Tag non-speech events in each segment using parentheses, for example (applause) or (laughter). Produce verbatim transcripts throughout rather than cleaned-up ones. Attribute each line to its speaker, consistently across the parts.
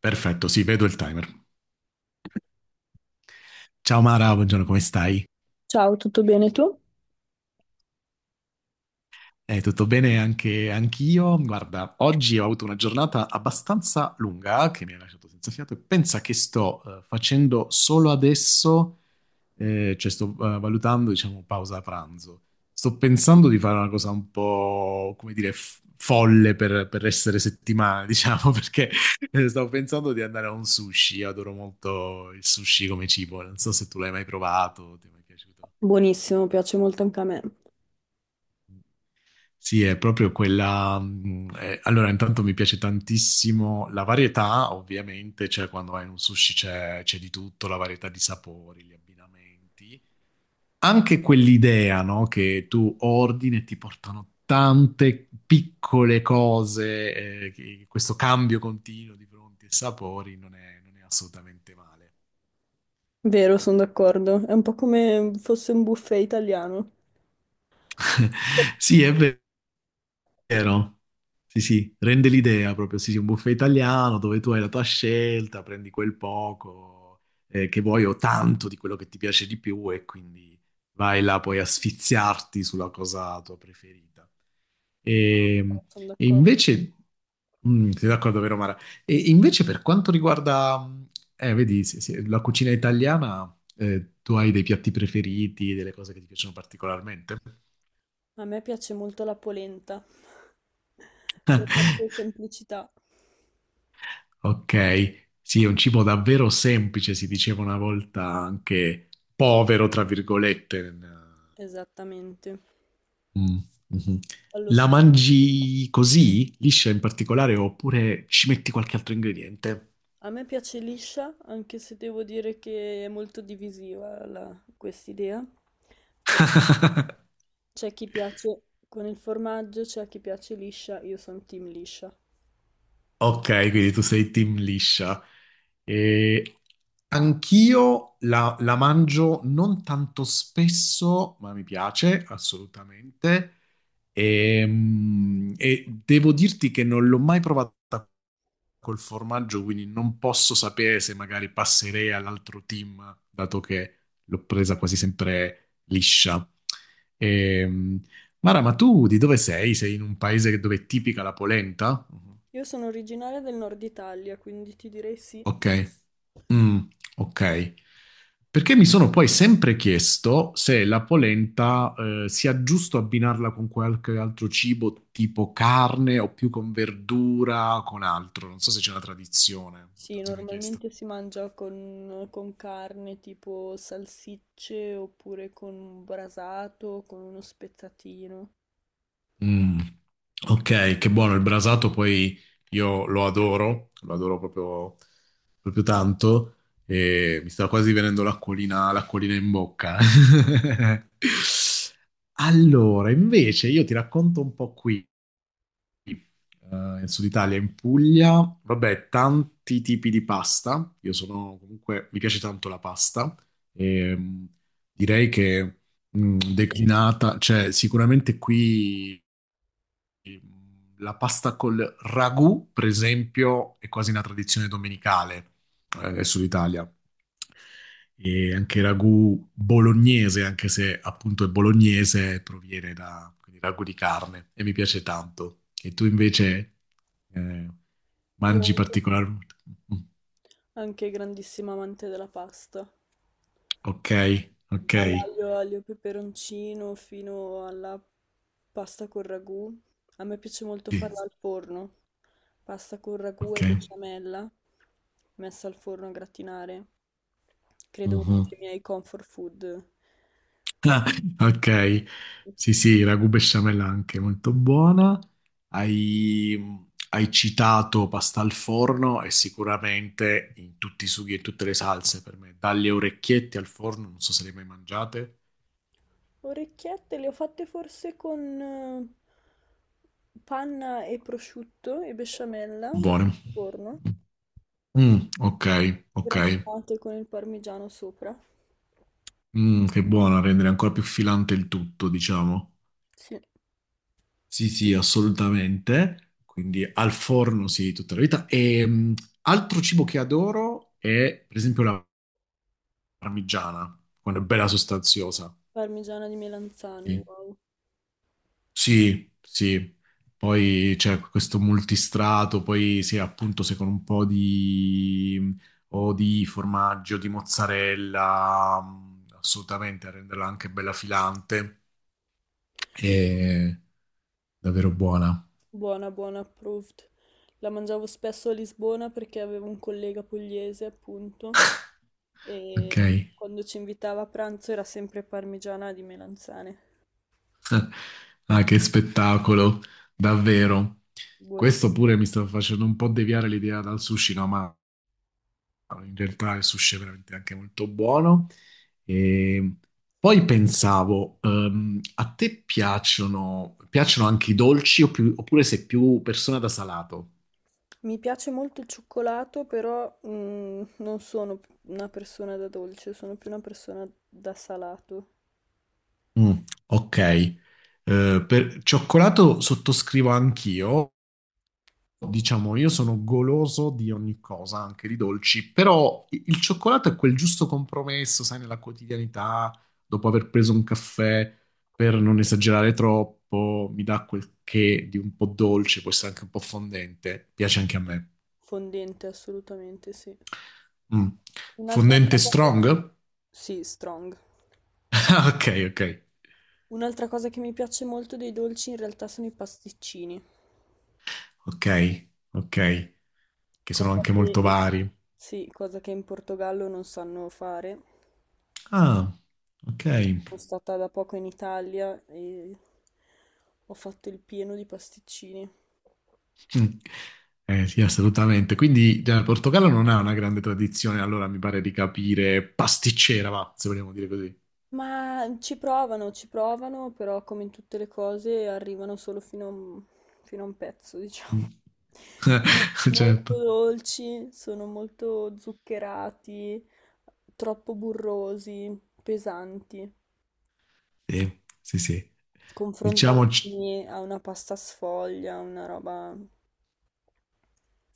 Speaker 1: Perfetto, sì, vedo il timer. Ciao Mara, buongiorno, come stai?
Speaker 2: Ciao, tutto bene tu?
Speaker 1: Eh, tutto bene anche anch'io? Guarda, oggi ho avuto una giornata abbastanza lunga che mi ha lasciato senza fiato e pensa che sto eh, facendo solo adesso, eh, cioè sto eh, valutando, diciamo, pausa pranzo. Sto pensando di fare una cosa un po', come dire, f- folle per, per essere settimana, (laughs) diciamo, perché eh, stavo pensando di andare a un sushi. Io adoro molto il sushi come cibo, non so se tu l'hai mai provato, ti è mai piaciuto.
Speaker 2: Buonissimo, piace molto anche a me.
Speaker 1: Sì, è proprio quella. Mh, eh, allora, intanto mi piace tantissimo la varietà, ovviamente, cioè quando vai in un sushi c'è c'è di tutto, la varietà di sapori, gli abbinamenti. Anche quell'idea, no? Che tu ordini e ti portano tante piccole cose, eh, che- questo cambio continuo di pronti e sapori non è, non è assolutamente male.
Speaker 2: Vero, sono d'accordo. È un po' come fosse un buffet italiano.
Speaker 1: (laughs) Sì, è vero. Vero? Sì, sì, rende l'idea proprio, sì, sì, un buffet italiano dove tu hai la tua scelta, prendi quel poco eh, che vuoi o tanto di quello che ti piace di più e quindi vai là poi a sfiziarti sulla cosa tua preferita. E,
Speaker 2: Sono
Speaker 1: e
Speaker 2: d'accordo.
Speaker 1: invece, mm, sei d'accordo, vero Mara? E invece per quanto riguarda, mm, eh, vedi, sì, sì, la cucina italiana, eh, tu hai dei piatti preferiti, delle cose che ti piacciono particolarmente?
Speaker 2: A me piace molto la polenta, per la sua
Speaker 1: (laughs)
Speaker 2: semplicità.
Speaker 1: Ok, sì, è un cibo davvero semplice, si diceva una volta anche povero, tra virgolette. nel-
Speaker 2: Esattamente.
Speaker 1: Mm, mhm.
Speaker 2: Allo
Speaker 1: La
Speaker 2: stesso.
Speaker 1: mangi così, liscia in particolare, oppure ci metti qualche altro ingrediente?
Speaker 2: A me piace liscia, anche se devo dire che è molto divisiva la- quest'idea, perché
Speaker 1: (laughs)
Speaker 2: c'è chi piace con il formaggio, c'è chi piace liscia, io sono team liscia.
Speaker 1: Ok, quindi tu sei team liscia. E anch'io la, la mangio non tanto spesso, ma mi piace assolutamente. E, mm, e devo dirti che non l'ho mai provata col formaggio, quindi non posso sapere se magari passerei all'altro team, dato che l'ho presa quasi sempre liscia. Ehm, Mara, ma tu di dove sei? Sei in un paese dove è tipica la polenta?
Speaker 2: Io sono originaria del nord Italia, quindi ti direi sì.
Speaker 1: Ok. Mm, ok. Perché mi sono poi sempre chiesto se la polenta, eh, sia giusto abbinarla con qualche altro cibo, tipo carne o più con verdura, con altro. Non so se c'è una tradizione. Te lo
Speaker 2: Sì,
Speaker 1: sei mai chiesto?
Speaker 2: normalmente si mangia con, con carne tipo salsicce oppure con un brasato, o con uno spezzatino.
Speaker 1: Mm. Ok, che buono il brasato, poi io lo adoro, lo adoro proprio, proprio tanto e mi sta quasi venendo l'acquolina, l'acquolina in bocca. (laughs) Allora, invece io ti racconto un po' qui, eh, in Sud Italia, in Puglia, vabbè, tanti tipi di pasta, io sono comunque, mi piace tanto la pasta e mm, direi che mm, declinata, cioè sicuramente qui... Sì, la pasta col ragù, per esempio, è quasi una tradizione domenicale eh, sull'Italia. E anche il ragù bolognese, anche se appunto è bolognese, proviene da quindi ragù di carne e mi piace tanto. E tu invece eh,
Speaker 2: Io
Speaker 1: mangi particolarmente?
Speaker 2: anche grandissima amante della pasta,
Speaker 1: Ok, ok,
Speaker 2: dall'aglio aglio peperoncino fino alla pasta con ragù. A me piace molto
Speaker 1: sì,
Speaker 2: farla al forno, pasta con ragù
Speaker 1: ok.
Speaker 2: e besciamella messa al forno a gratinare. Credo uno
Speaker 1: Mhm.
Speaker 2: dei miei comfort food.
Speaker 1: (laughs) Ah, ok, sì, sì, ragù besciamella anche molto buona. Hai, hai citato pasta al forno e sicuramente in tutti i sughi e tutte le salse per me, dalle orecchiette al forno, non so se le hai mai mangiate.
Speaker 2: Orecchiette le ho fatte forse con eh, panna e prosciutto e besciamella messe
Speaker 1: Buone.
Speaker 2: al forno,
Speaker 1: Mm, ok, ok.
Speaker 2: grattate con il parmigiano sopra.
Speaker 1: Mm, che buona, rendere ancora più filante il tutto, diciamo.
Speaker 2: Sì,
Speaker 1: Sì, sì, assolutamente. Quindi al forno, sì, tutta la vita. E mm, altro cibo che adoro è, per esempio, la parmigiana, quando è bella sostanziosa.
Speaker 2: parmigiana di melanzane,
Speaker 1: Sì.
Speaker 2: wow.
Speaker 1: Sì, sì. Poi c'è questo multistrato, poi sì, appunto, se con un po' di, o di formaggio, di mozzarella, mm, assolutamente, a renderla anche bella filante. E davvero buona,
Speaker 2: Buona, buona, approved. La mangiavo spesso a Lisbona perché avevo un collega pugliese, appunto,
Speaker 1: ok?
Speaker 2: e quando ci invitava a pranzo era sempre parmigiana di melanzane.
Speaker 1: (laughs) Ah, che spettacolo, davvero.
Speaker 2: Buonissimo.
Speaker 1: Questo pure mi sta facendo un po' deviare l'idea dal sushi, no? Ma no, in realtà il sushi è veramente anche molto buono. E poi pensavo, ehm, a te piacciono, piacciono anche i dolci o più- oppure sei più persona da salato?
Speaker 2: Mi piace molto il cioccolato, però mm, non sono p- una persona da dolce, sono più una persona da salato.
Speaker 1: Mm, ok, eh, per cioccolato sottoscrivo anch'io, diciamo, io sono goloso di ogni cosa, anche di dolci, però i- il cioccolato è quel giusto compromesso, sai, nella quotidianità, dopo aver preso un caffè, per non esagerare troppo, mi dà quel che di un po' dolce, può essere anche un po' fondente, piace anche a me.
Speaker 2: Fondente, assolutamente, sì.
Speaker 1: Mm.
Speaker 2: Un'altra
Speaker 1: Fondente
Speaker 2: cosa che...
Speaker 1: strong? (laughs)
Speaker 2: Sì, strong.
Speaker 1: Ah, ok, ok,
Speaker 2: Un'altra cosa che mi piace molto dei dolci in realtà sono i pasticcini,
Speaker 1: ok, ok, che sono
Speaker 2: cosa
Speaker 1: anche
Speaker 2: che
Speaker 1: molto
Speaker 2: in,
Speaker 1: vari.
Speaker 2: sì, cosa che in Portogallo non sanno fare.
Speaker 1: Ah, ok.
Speaker 2: E sono stata da poco in Italia e ho fatto il pieno di pasticcini.
Speaker 1: Mm. Eh, sì, assolutamente. Quindi già, il Portogallo non ha una grande tradizione, allora mi pare di capire pasticcera, va, se vogliamo dire così.
Speaker 2: Ma ci provano, ci provano, però come in tutte le cose arrivano solo fino a un, fino a un pezzo, diciamo.
Speaker 1: Mm.
Speaker 2: (laughs) Sono
Speaker 1: (laughs)
Speaker 2: molto
Speaker 1: Certo.
Speaker 2: dolci, sono molto zuccherati, troppo burrosi, pesanti.
Speaker 1: Sì, sì, sì. Diciamo, ci-
Speaker 2: Confrontati a una pasta sfoglia, una roba...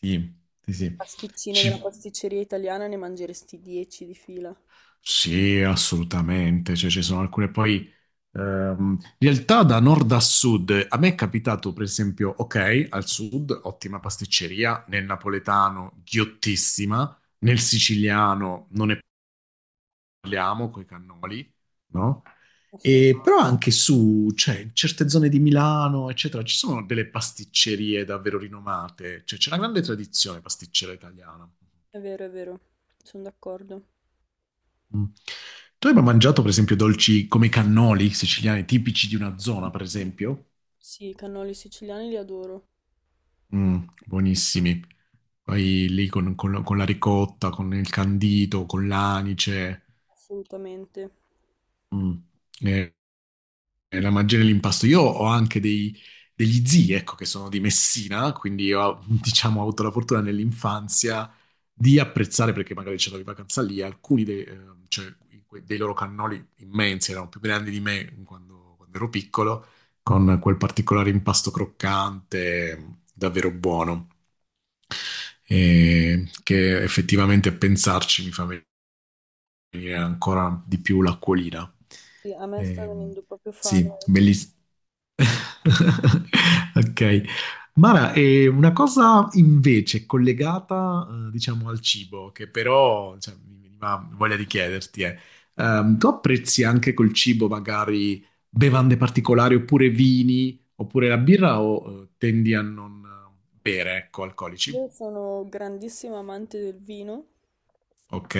Speaker 1: sì, sì,
Speaker 2: Il
Speaker 1: sì.
Speaker 2: pasticcino della
Speaker 1: Ci-
Speaker 2: pasticceria italiana ne mangeresti dieci di fila.
Speaker 1: sì, assolutamente. Cioè, ci sono alcune poi... ehm, in realtà da nord a sud, a me è capitato, per esempio, ok, al sud, ottima pasticceria, nel napoletano, ghiottissima, nel siciliano non è parliamo coi cannoli, no? E
Speaker 2: Assolutamente.
Speaker 1: però anche su, cioè, in certe zone di Milano, eccetera, ci sono delle pasticcerie davvero rinomate, cioè c'è una grande tradizione pasticcera italiana.
Speaker 2: È vero, è vero, sono d'accordo.
Speaker 1: Mm. Tu hai mai mangiato, per esempio, dolci come i cannoli siciliani, tipici di una zona, per esempio?
Speaker 2: Sì, i cannoli siciliani li adoro,
Speaker 1: Mm, buonissimi. Poi lì con, con- con la ricotta, con il candito, con l'anice.
Speaker 2: assolutamente.
Speaker 1: Mm. Eh, Eh, La magia nell'impasto. Io ho anche dei- degli zii, ecco, che sono di Messina, quindi io, ho, (laughs) diciamo, ho avuto la fortuna nell'infanzia di apprezzare, perché magari c'era in vacanza lì, alcuni dei, eh, cioè, que- dei loro cannoli immensi, erano più grandi di me quando, quando ero piccolo, con quel particolare impasto croccante, ehm, davvero buono, eh, che effettivamente a pensarci mi fa e ancora di più l'acquolina.
Speaker 2: Sì, a me sta
Speaker 1: Ehm,
Speaker 2: venendo proprio fame
Speaker 1: sì,
Speaker 2: adesso.
Speaker 1: bellissimo. (laughs) Ok. Mara, è una cosa invece collegata, eh, diciamo, al cibo, che però, cioè, mi veniva voglia di chiederti, è, ehm, tu apprezzi anche col cibo magari bevande particolari oppure vini, oppure la birra o eh, tendi a non eh, bere, ecco, alcolici?
Speaker 2: Io sono grandissima amante del vino,
Speaker 1: Ok,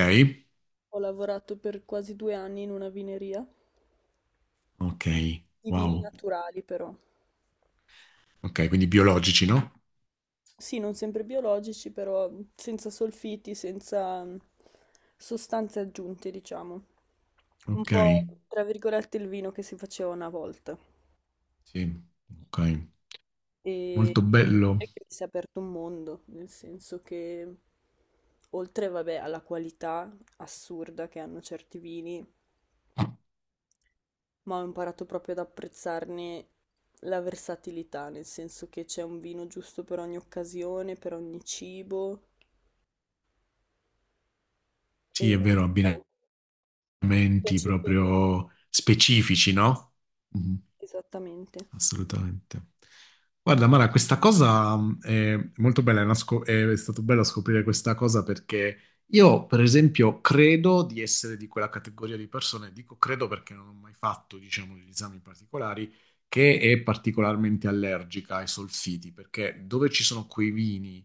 Speaker 2: ho lavorato per quasi due anni in una vineria,
Speaker 1: ok,
Speaker 2: di vini
Speaker 1: wow.
Speaker 2: naturali però.
Speaker 1: Ok, quindi biologici, no?
Speaker 2: Sì, non sempre biologici, però senza solfiti, senza mm, sostanze aggiunte, diciamo. Un
Speaker 1: Ok,
Speaker 2: po', tra virgolette, il vino che si faceva una volta.
Speaker 1: sì, ok.
Speaker 2: E
Speaker 1: Molto
Speaker 2: devo
Speaker 1: bello.
Speaker 2: dire che mi si è aperto un mondo, nel senso che oltre, vabbè, alla qualità assurda che hanno certi vini, ma ho imparato proprio ad apprezzarne la versatilità, nel senso che c'è un vino giusto per ogni occasione, per ogni cibo.
Speaker 1: Sì,
Speaker 2: E
Speaker 1: è vero, abbinamenti
Speaker 2: invece per lì,
Speaker 1: proprio specifici, no? Mhm,
Speaker 2: esattamente.
Speaker 1: assolutamente. Guarda, Mara, questa cosa mh, è molto bella, è, una scop- è stato bello scoprire questa cosa perché io, per esempio, credo di essere di quella categoria di persone, dico credo perché non ho mai fatto, diciamo, degli esami particolari, che è particolarmente allergica ai solfiti, perché dove ci sono quei vini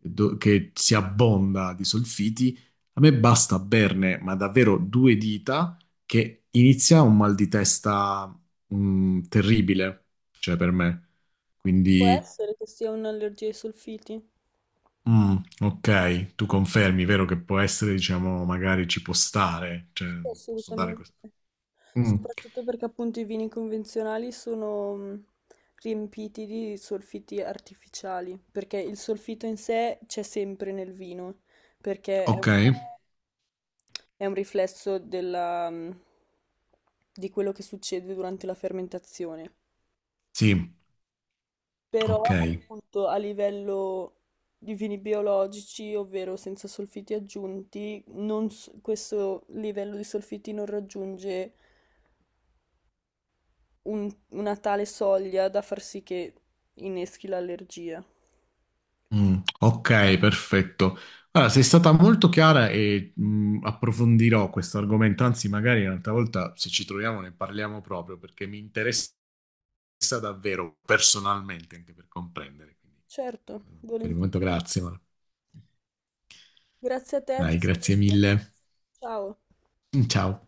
Speaker 1: do- che si abbonda di solfiti, a me basta berne, ma davvero due dita, che inizia un mal di testa mm, terribile, cioè per me.
Speaker 2: Può
Speaker 1: Quindi,
Speaker 2: essere che sia un'allergia ai solfiti?
Speaker 1: mm, ok, tu confermi, vero che può essere, diciamo, magari ci può stare, cioè
Speaker 2: Sì,
Speaker 1: posso dare
Speaker 2: assolutamente.
Speaker 1: questo. Mm,
Speaker 2: Soprattutto perché appunto i vini convenzionali sono mh, riempiti di solfiti artificiali, perché il solfito in sé c'è sempre nel vino, perché è un,
Speaker 1: ok,
Speaker 2: è un riflesso della, mh, di quello che succede durante la fermentazione.
Speaker 1: sì,
Speaker 2: Però
Speaker 1: ok.
Speaker 2: appunto a livello di vini biologici, ovvero senza solfiti aggiunti, non s- questo livello di solfiti non raggiunge un- una tale soglia da far sì che inneschi l'allergia.
Speaker 1: Mm, ok, perfetto. Allora, sei stata molto chiara e mm, approfondirò questo argomento, anzi magari un'altra volta se ci troviamo ne parliamo proprio perché mi interessa davvero personalmente anche per comprendere. Quindi,
Speaker 2: Certo,
Speaker 1: mm, per il momento
Speaker 2: volentieri.
Speaker 1: grazie, ma
Speaker 2: Grazie a te, ti
Speaker 1: dai, grazie
Speaker 2: saluto.
Speaker 1: mille.
Speaker 2: Ciao.
Speaker 1: (laughs) Ciao.